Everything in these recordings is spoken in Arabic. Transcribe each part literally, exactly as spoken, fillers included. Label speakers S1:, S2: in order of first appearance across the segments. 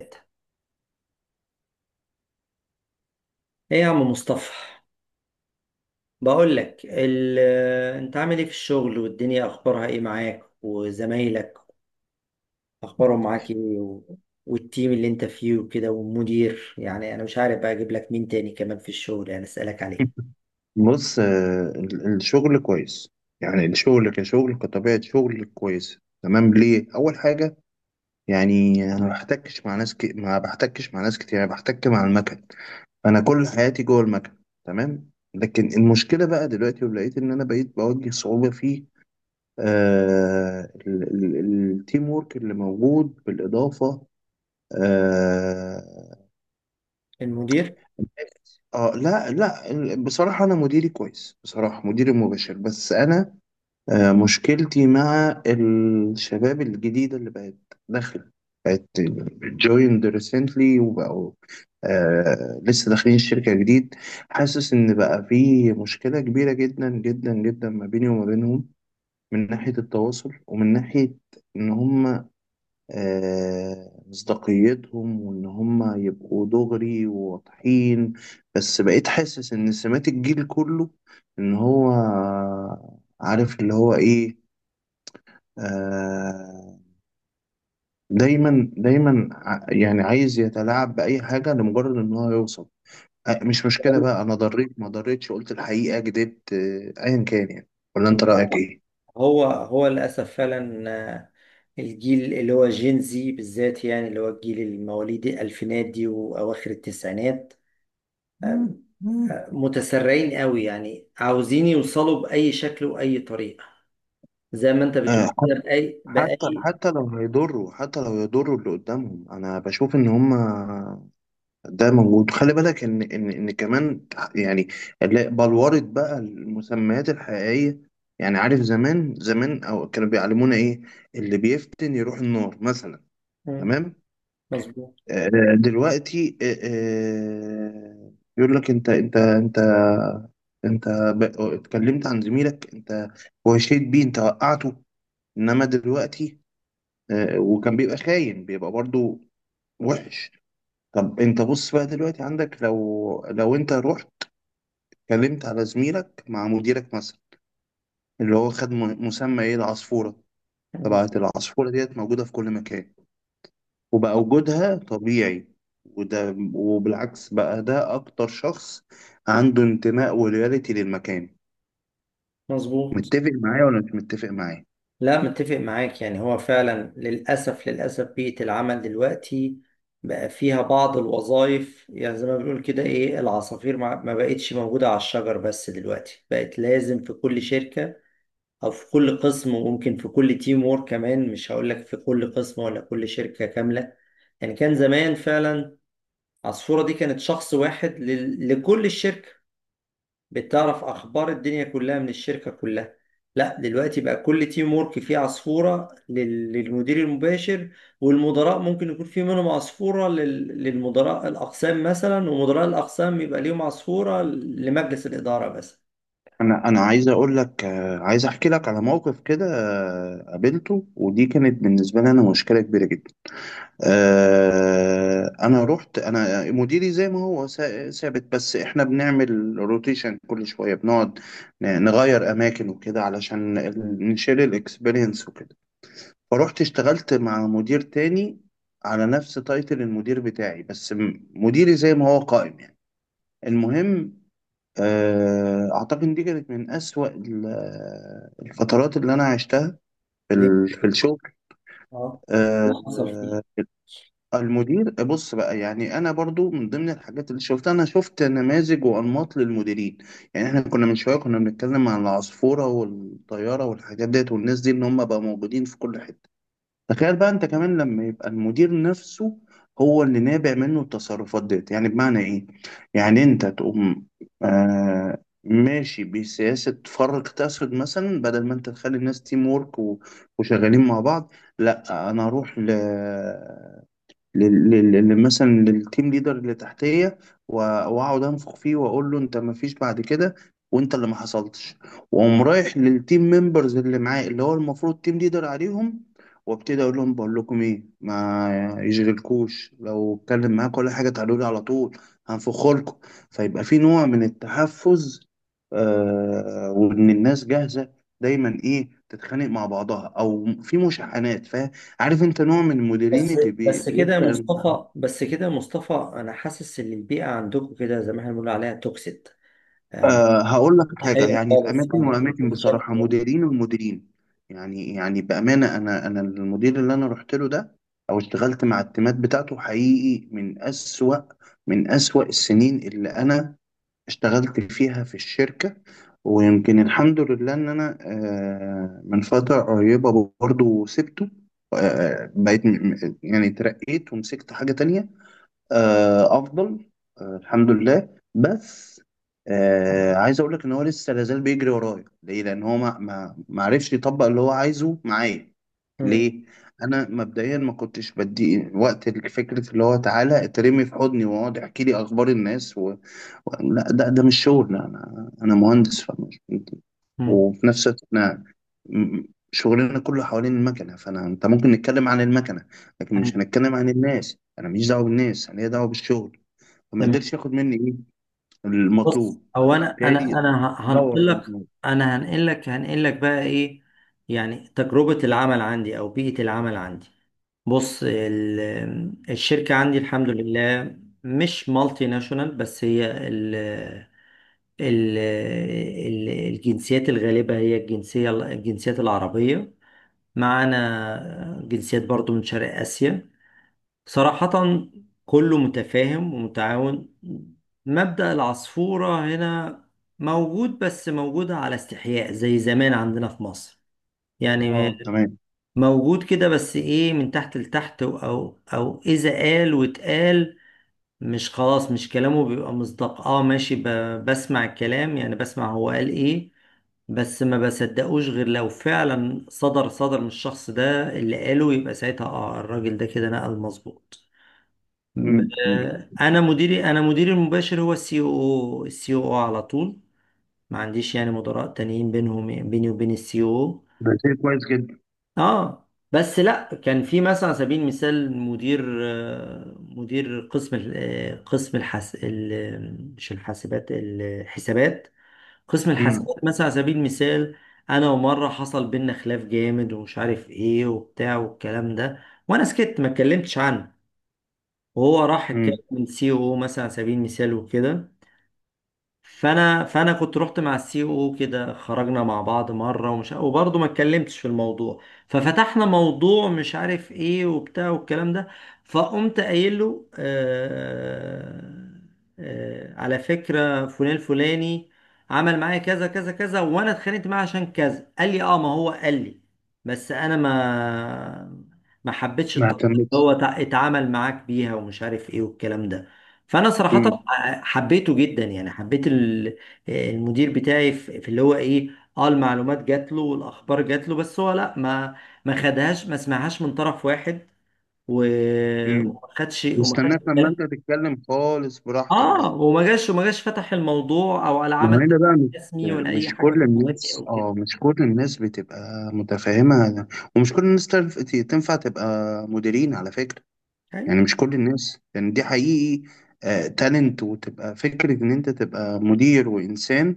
S1: ايه، يا عم مصطفى، بقول لك ال... انت عامل ايه في الشغل، والدنيا اخبارها ايه معاك وزمايلك، اخبارهم معاك ايه و... والتيم اللي انت فيه وكده، والمدير، يعني انا مش عارف بقى اجيب لك مين تاني كمان في الشغل يعني اسالك عليه؟
S2: بص، آه، ال- الشغل كويس. يعني الشغل كشغل كطبيعة شغل كويس. تمام، ليه؟ أول حاجة، يعني أنا ما بحتكش مع ناس ك... ما بحتكش مع ناس كتير، أنا بحتك مع المكن. أنا كل حياتي جوه المكن. تمام، لكن المشكلة بقى دلوقتي، ولقيت إن أنا بقيت بواجه صعوبة في آه... ال- ال- التيم وورك اللي موجود، بالإضافة آه...
S1: المدير.
S2: اه، لا لا. بصراحة أنا مديري كويس، بصراحة مديري مباشر، بس أنا آه، مشكلتي مع الشباب الجديدة اللي بقت داخلة، بقت جويند ريسنتلي وبقوا، آه لسه داخلين الشركة جديد. حاسس إن بقى في مشكلة كبيرة جدا جدا جدا ما بيني وما بينهم، من ناحية التواصل ومن ناحية إن هما آه مصداقيتهم، وإن هما يبقوا دغري وواضحين. بس بقيت حاسس إن سمات الجيل كله، إن هو عارف اللي هو إيه، آه، دايما دايما ع- يعني عايز يتلاعب بأي حاجة لمجرد إن هو يوصل. آه، مش مشكلة بقى، أنا ضريت ما ضريتش، قلت الحقيقة كدبت، آه، أيا كان يعني. ولا أنت رأيك إيه؟
S1: هو هو للاسف فعلا، آه، الجيل اللي هو جين زي بالذات يعني اللي هو الجيل المواليد الالفينات دي واواخر التسعينات، متسرعين قوي يعني عاوزين يوصلوا بأي شكل وأي طريقة، زي ما انت
S2: آه،
S1: بتقول
S2: حت-
S1: كده بأي
S2: حتى
S1: بأي
S2: حتى لو هيضروا، حتى لو يضروا اللي قدامهم، أنا بشوف إن هما ده موجود. خلي بالك إن إن إن كمان يعني اللي بلورت بقى المسميات الحقيقية، يعني عارف زمان زمان أو كانوا بيعلمونا إيه؟ اللي بيفتن يروح النار مثلا.
S1: مم.
S2: تمام.
S1: مظبوط.
S2: آه، دلوقتي آه، آه، يقول لك: انت انت انت انت ب- اتكلمت عن زميلك، انت وهشيت بيه، انت وقعته. انما دلوقتي آه، وكان بيبقى خاين، بيبقى برضو وحش. طب انت بص بقى دلوقتي، عندك لو لو انت رحت اتكلمت على زميلك مع مديرك مثلا، اللي هو خد م- مسمى ايه؟ العصفورة.
S1: مم.
S2: طبعا العصفورة ديت موجودة في كل مكان، وبقى وجودها طبيعي. وده وبالعكس، بقى ده اكتر شخص عنده انتماء ولويالتي للمكان.
S1: مظبوط.
S2: متفق معايا ولا مش متفق معايا؟
S1: لا، متفق معاك، يعني هو فعلا للأسف للأسف بيئة العمل دلوقتي بقى فيها بعض الوظائف، يعني زي ما بنقول كده ايه العصافير، ما ما بقتش موجودة على الشجر بس دلوقتي بقت لازم في كل شركة أو في كل قسم وممكن في كل تيم وورك كمان، مش هقول لك في كل قسم ولا كل شركة كاملة. يعني كان زمان فعلا عصفورة دي كانت شخص واحد ل... لكل الشركة، بتعرف أخبار الدنيا كلها من الشركة كلها. لا، دلوقتي بقى كل تيم وورك فيه عصفورة لل... للمدير المباشر، والمدراء ممكن يكون في منهم عصفورة لل... للمدراء الأقسام مثلا، ومدراء الأقسام يبقى ليهم عصفورة لمجلس الإدارة بس.
S2: انا انا عايز اقول لك، آه، عايز احكي لك على موقف كده، آه، قابلته، ودي كانت بالنسبه لي انا مشكله كبيره جدا. آه، انا رحت، انا مديري زي ما هو سا- ثابت، بس احنا بنعمل روتيشن كل شويه، بنقعد ن- نغير اماكن وكده علشان ال- نشيل الاكسبيرينس وكده. فروحت اشتغلت مع مدير تاني، على نفس تايتل المدير بتاعي، بس م- مديري زي ما هو قائم يعني. المهم، آه، اعتقد إن دي كانت من اسوأ ال- الفترات اللي انا عشتها في
S1: ليه؟
S2: ال- في الشغل.
S1: اه، اللي حصل فيه.
S2: آه، المدير بص بقى، يعني انا برضو من ضمن الحاجات اللي شفتها، انا شفت نماذج وانماط للمديرين. يعني احنا كنا من شويه كنا بنتكلم عن العصفوره والطياره والحاجات ديت والناس دي، ان هم بقى موجودين في كل حته. تخيل بقى انت كمان لما يبقى المدير نفسه هو اللي نابع منه التصرفات ديت. يعني بمعنى ايه؟ يعني انت تقوم آه ماشي بسياسة فرق تسد مثلا، بدل ما انت تخلي الناس تيم وورك و- وشغالين مع بعض، لا، انا اروح ل لل- لل- لل- مثلا للتيم ليدر اللي تحتيه، و- واقعد انفخ فيه واقول له: انت ما فيش بعد كده، وانت اللي ما حصلتش. واقوم رايح للتيم ممبرز اللي معاه، اللي هو المفروض تيم ليدر عليهم، وابتدي اقول لهم: بقول لكم ايه، ما يجرلكوش لو اتكلم معاك ولا حاجه، تعالوا لي على طول، هنفخ لكم. فيبقى في نوع من التحفز، آه وان الناس جاهزه دايما ايه، تتخانق مع بعضها او في مشاحنات. فاهم؟ عارف، انت نوع من المديرين
S1: بس
S2: اللي بي...
S1: بس كده يا
S2: بيسأل.
S1: مصطفى بس كده يا مصطفى، انا حاسس ان البيئه عندكم كده زي ما احنا بنقول عليها توكسيد، آه،
S2: أه، هقول لك
S1: هي
S2: حاجة، يعني في
S1: خالص
S2: أماكن
S1: يعني
S2: وأماكن
S1: بالشكل
S2: بصراحة،
S1: ده.
S2: مديرين ومديرين. يعني يعني بأمانة، أنا أنا المدير اللي أنا رحت له ده أو اشتغلت مع التيمات بتاعته، حقيقي من أسوأ، من أسوأ السنين اللي أنا اشتغلت فيها في الشركة. ويمكن الحمد لله إن أنا أه من فترة قريبة برضه سبته. أه بقيت م- م- يعني اترقيت ومسكت حاجة تانية، آه، افضل، آه، الحمد لله. بس آه، عايز اقول لك ان هو لسه لازال بيجري ورايا، ليه؟ لان هو ما ما ما عرفش يطبق اللي هو عايزه معايا.
S1: مم.
S2: ليه؟ انا مبدئيا ما كنتش بدي وقت لفكره اللي هو تعالى اترمي في حضني واقعد احكي لي اخبار الناس و... و... لا، ده ده مش شغل. لا، انا انا مهندس، فمش.
S1: مم.
S2: وفي نفس الوقت احنا م- شغلنا كله حوالين المكنه، فانا انت ممكن نتكلم عن المكنه، لكن
S1: أيوة،
S2: مش هنتكلم عن الناس. انا ماليش دعوه بالناس، انا ليا دعوه بالشغل. فما
S1: تمام.
S2: قدرش ياخد مني ايه
S1: بص،
S2: المطلوب،
S1: هو انا انا
S2: فبالتالي
S1: انا ه-
S2: دور
S1: هنقل
S2: بقى
S1: لك
S2: دماغي.
S1: انا هنقل لك هنقل لك بقى ايه، يعني تجربه العمل عندي او بيئه العمل عندي. بص، ال- الشركه عندي الحمد لله مش مالتي ناشونال، بس هي ال- ال- الجنسيات الغالبة هي الجنسية الجنسيات العربية، معانا جنسيات برضو من شرق آسيا. صراحة كله متفاهم ومتعاون. مبدأ العصفورة هنا موجود، بس موجود على استحياء زي زمان عندنا في مصر، يعني
S2: اه، تمام.
S1: موجود كده، بس ايه، من تحت لتحت، او او اذا قال واتقال، مش خلاص مش كلامه بيبقى مصداق، اه ماشي ب... بسمع الكلام يعني بسمع هو قال ايه، بس ما بصدقوش غير لو فعلا صدر صدر من الشخص ده اللي قاله، يبقى ساعتها اه الراجل ده كده نقل مظبوط. م-
S2: امم امم
S1: آه، انا مديري، انا مديري المباشر هو السي او، السي او على طول، ما عنديش يعني مدراء تانيين بينهم بيني وبين السي او.
S2: ده شيء كويس جدا.
S1: اه بس لا، كان في مثلا على سبيل المثال مدير آه، مدير قسم ال- آه، قسم الحس ال- مش الحاسبات الحسابات، قسم
S2: امم
S1: الحاسبات مثلا على سبيل المثال. انا ومره حصل بينا خلاف جامد ومش عارف ايه وبتاع والكلام ده، وانا سكت ما اتكلمتش عنه، وهو راح اتكلم
S2: امم
S1: من سي او مثلا على سبيل المثال وكده. فانا فانا كنت رحت مع السي او كده، خرجنا مع بعض مره، ومش وبرضه ما اتكلمتش في الموضوع، ففتحنا موضوع مش عارف ايه وبتاع والكلام ده، فقمت قايل له: آه، آه على فكره فلان الفلاني عمل معايا كذا كذا كذا، وانا اتخانقت معاه عشان كذا. قال لي اه، ما هو قال لي، بس انا ما ما حبيتش
S2: ما
S1: الطريقه اللي
S2: اهتمتش.
S1: هو تع- اتعامل معاك بيها، ومش عارف ايه والكلام ده. فانا صراحه
S2: امم
S1: حبيته جدا، يعني حبيت ال- المدير بتاعي في في اللي هو ايه، اه المعلومات جات له والاخبار جات له، بس هو لا ما ما خدهاش، ما سمعهاش من طرف واحد، و-
S2: امم
S1: وما خدش وما خدش
S2: واستناك لما
S1: بالك.
S2: انت تتكلم خالص براحتك
S1: اه،
S2: بقى.
S1: وما جاش وما جاش فتح الموضوع او ولا
S2: ما هو
S1: عمل
S2: هنا بقى مش،
S1: رسمي ولا اي
S2: مش
S1: حاجه في
S2: كل
S1: الحاجات دي
S2: الناس،
S1: او كده.
S2: اه مش كل الناس بتبقى متفاهمة، ومش كل الناس تنف- تنفع تبقى مديرين على فكرة.
S1: أيوة.
S2: يعني مش كل الناس، يعني دي حقيقي آه تالنت، وتبقى فكرة إن أنت تبقى مدير وإنسان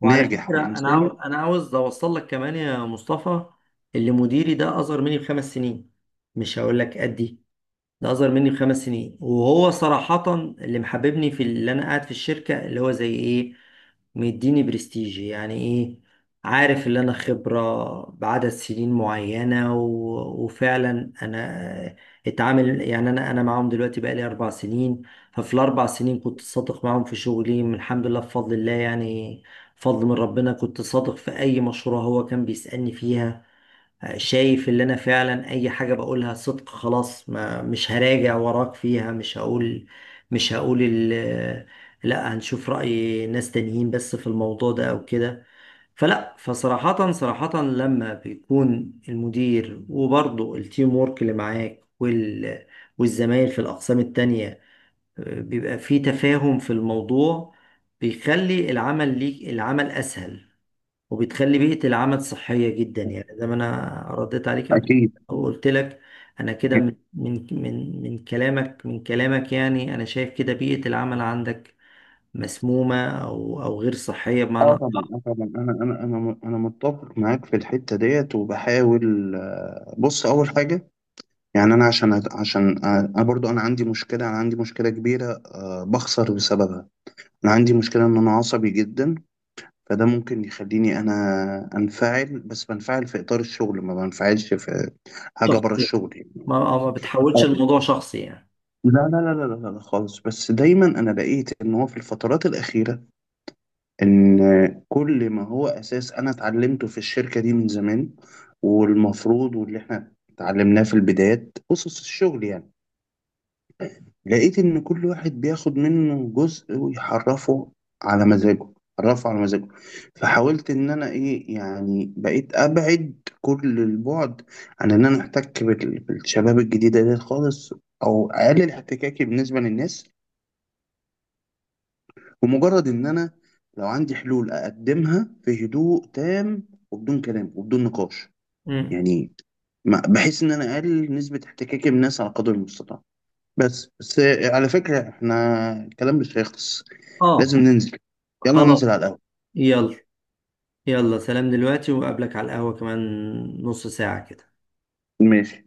S1: وعلى
S2: ناجح
S1: فكره، انا عاو...
S2: وإنسان،
S1: انا عاوز اوصل لك كمان يا مصطفى، اللي مديري ده اصغر مني بخمس سنين، مش هقول لك قد ايه، ده اصغر مني بخمس سنين. وهو صراحة اللي محببني في اللي انا قاعد في الشركة، اللي هو زي ايه، مديني برستيج، يعني ايه، عارف اللي انا خبرة بعدد سنين معينة و... وفعلا انا اتعامل، يعني انا انا معاهم دلوقتي بقالي اربع سنين. ففي الاربع سنين كنت صادق معاهم في شغلي من الحمد لله بفضل الله، يعني فضل من ربنا، كنت صادق في اي مشروع هو كان بيسألني فيها، شايف اللي انا فعلا اي حاجة بقولها صدق خلاص، ما مش هراجع وراك فيها، مش هقول مش هقول ال لا هنشوف رأي ناس تانيين بس في الموضوع ده او كده. فلا فصراحة صراحة لما بيكون المدير وبرضه التيم وورك اللي معاك وال والزمايل في الأقسام التانية، آه، بيبقى في تفاهم في الموضوع، بيخلي العمل ليك العمل أسهل، وبتخلي بيئة العمل صحية جدا،
S2: آه،
S1: يعني زي ما أنا رديت عليك قبل
S2: أكيد.
S1: أو قلت لك. أنا كده من من من من كلامك من كلامك، يعني أنا شايف كده بيئة العمل عندك مسمومة أو أو غير صحية،
S2: اه
S1: بمعنى
S2: طبعا، اه طبعا، انا انا انا انا متفق معاك في الحته ديت، وبحاول. آه، بص، اول حاجه يعني انا عشان عشان آه، انا برضو انا عندي مشكله، انا عندي مشكله كبيره آه، بخسر بسببها. انا عندي مشكله ان انا عصبي جدا، فده ممكن يخليني انا انفعل، بس بنفعل في اطار الشغل، ما بنفعلش في حاجه بره
S1: شخصي،
S2: الشغل يعني.
S1: ما أو ما بتحولش
S2: آه.
S1: الموضوع شخصي يعني.
S2: لا لا لا لا لا لا خالص. بس دايما انا لقيت ان هو في الفترات الاخيره، ان كل ما هو اساس انا اتعلمته في الشركه دي من زمان، والمفروض واللي احنا اتعلمناه في البدايات اسس الشغل يعني، لقيت إن كل واحد بياخد منه جزء ويحرفه على مزاجه، حرفه على مزاجه. فحاولت إن أنا إيه، يعني بقيت أبعد كل البعد عن إن أنا أحتك بال- بالشباب الجديدة دي خالص، أو أقلل احتكاكي بالنسبة للناس، ومجرد إن أنا لو عندي حلول أقدمها في هدوء تام، وبدون كلام وبدون نقاش،
S1: مم.
S2: يعني ما- بحيث إن أنا أقلل نسبة احتكاكي بالناس على قدر المستطاع. بس بس، على فكرة احنا الكلام مش هيخلص، لازم
S1: آه،
S2: ننزل. يلا
S1: خلاص.
S2: ننزل على القهوة.
S1: يلا. يلا، سلام دلوقتي، وأقابلك على القهوة كمان نص ساعة كده.
S2: ماشي.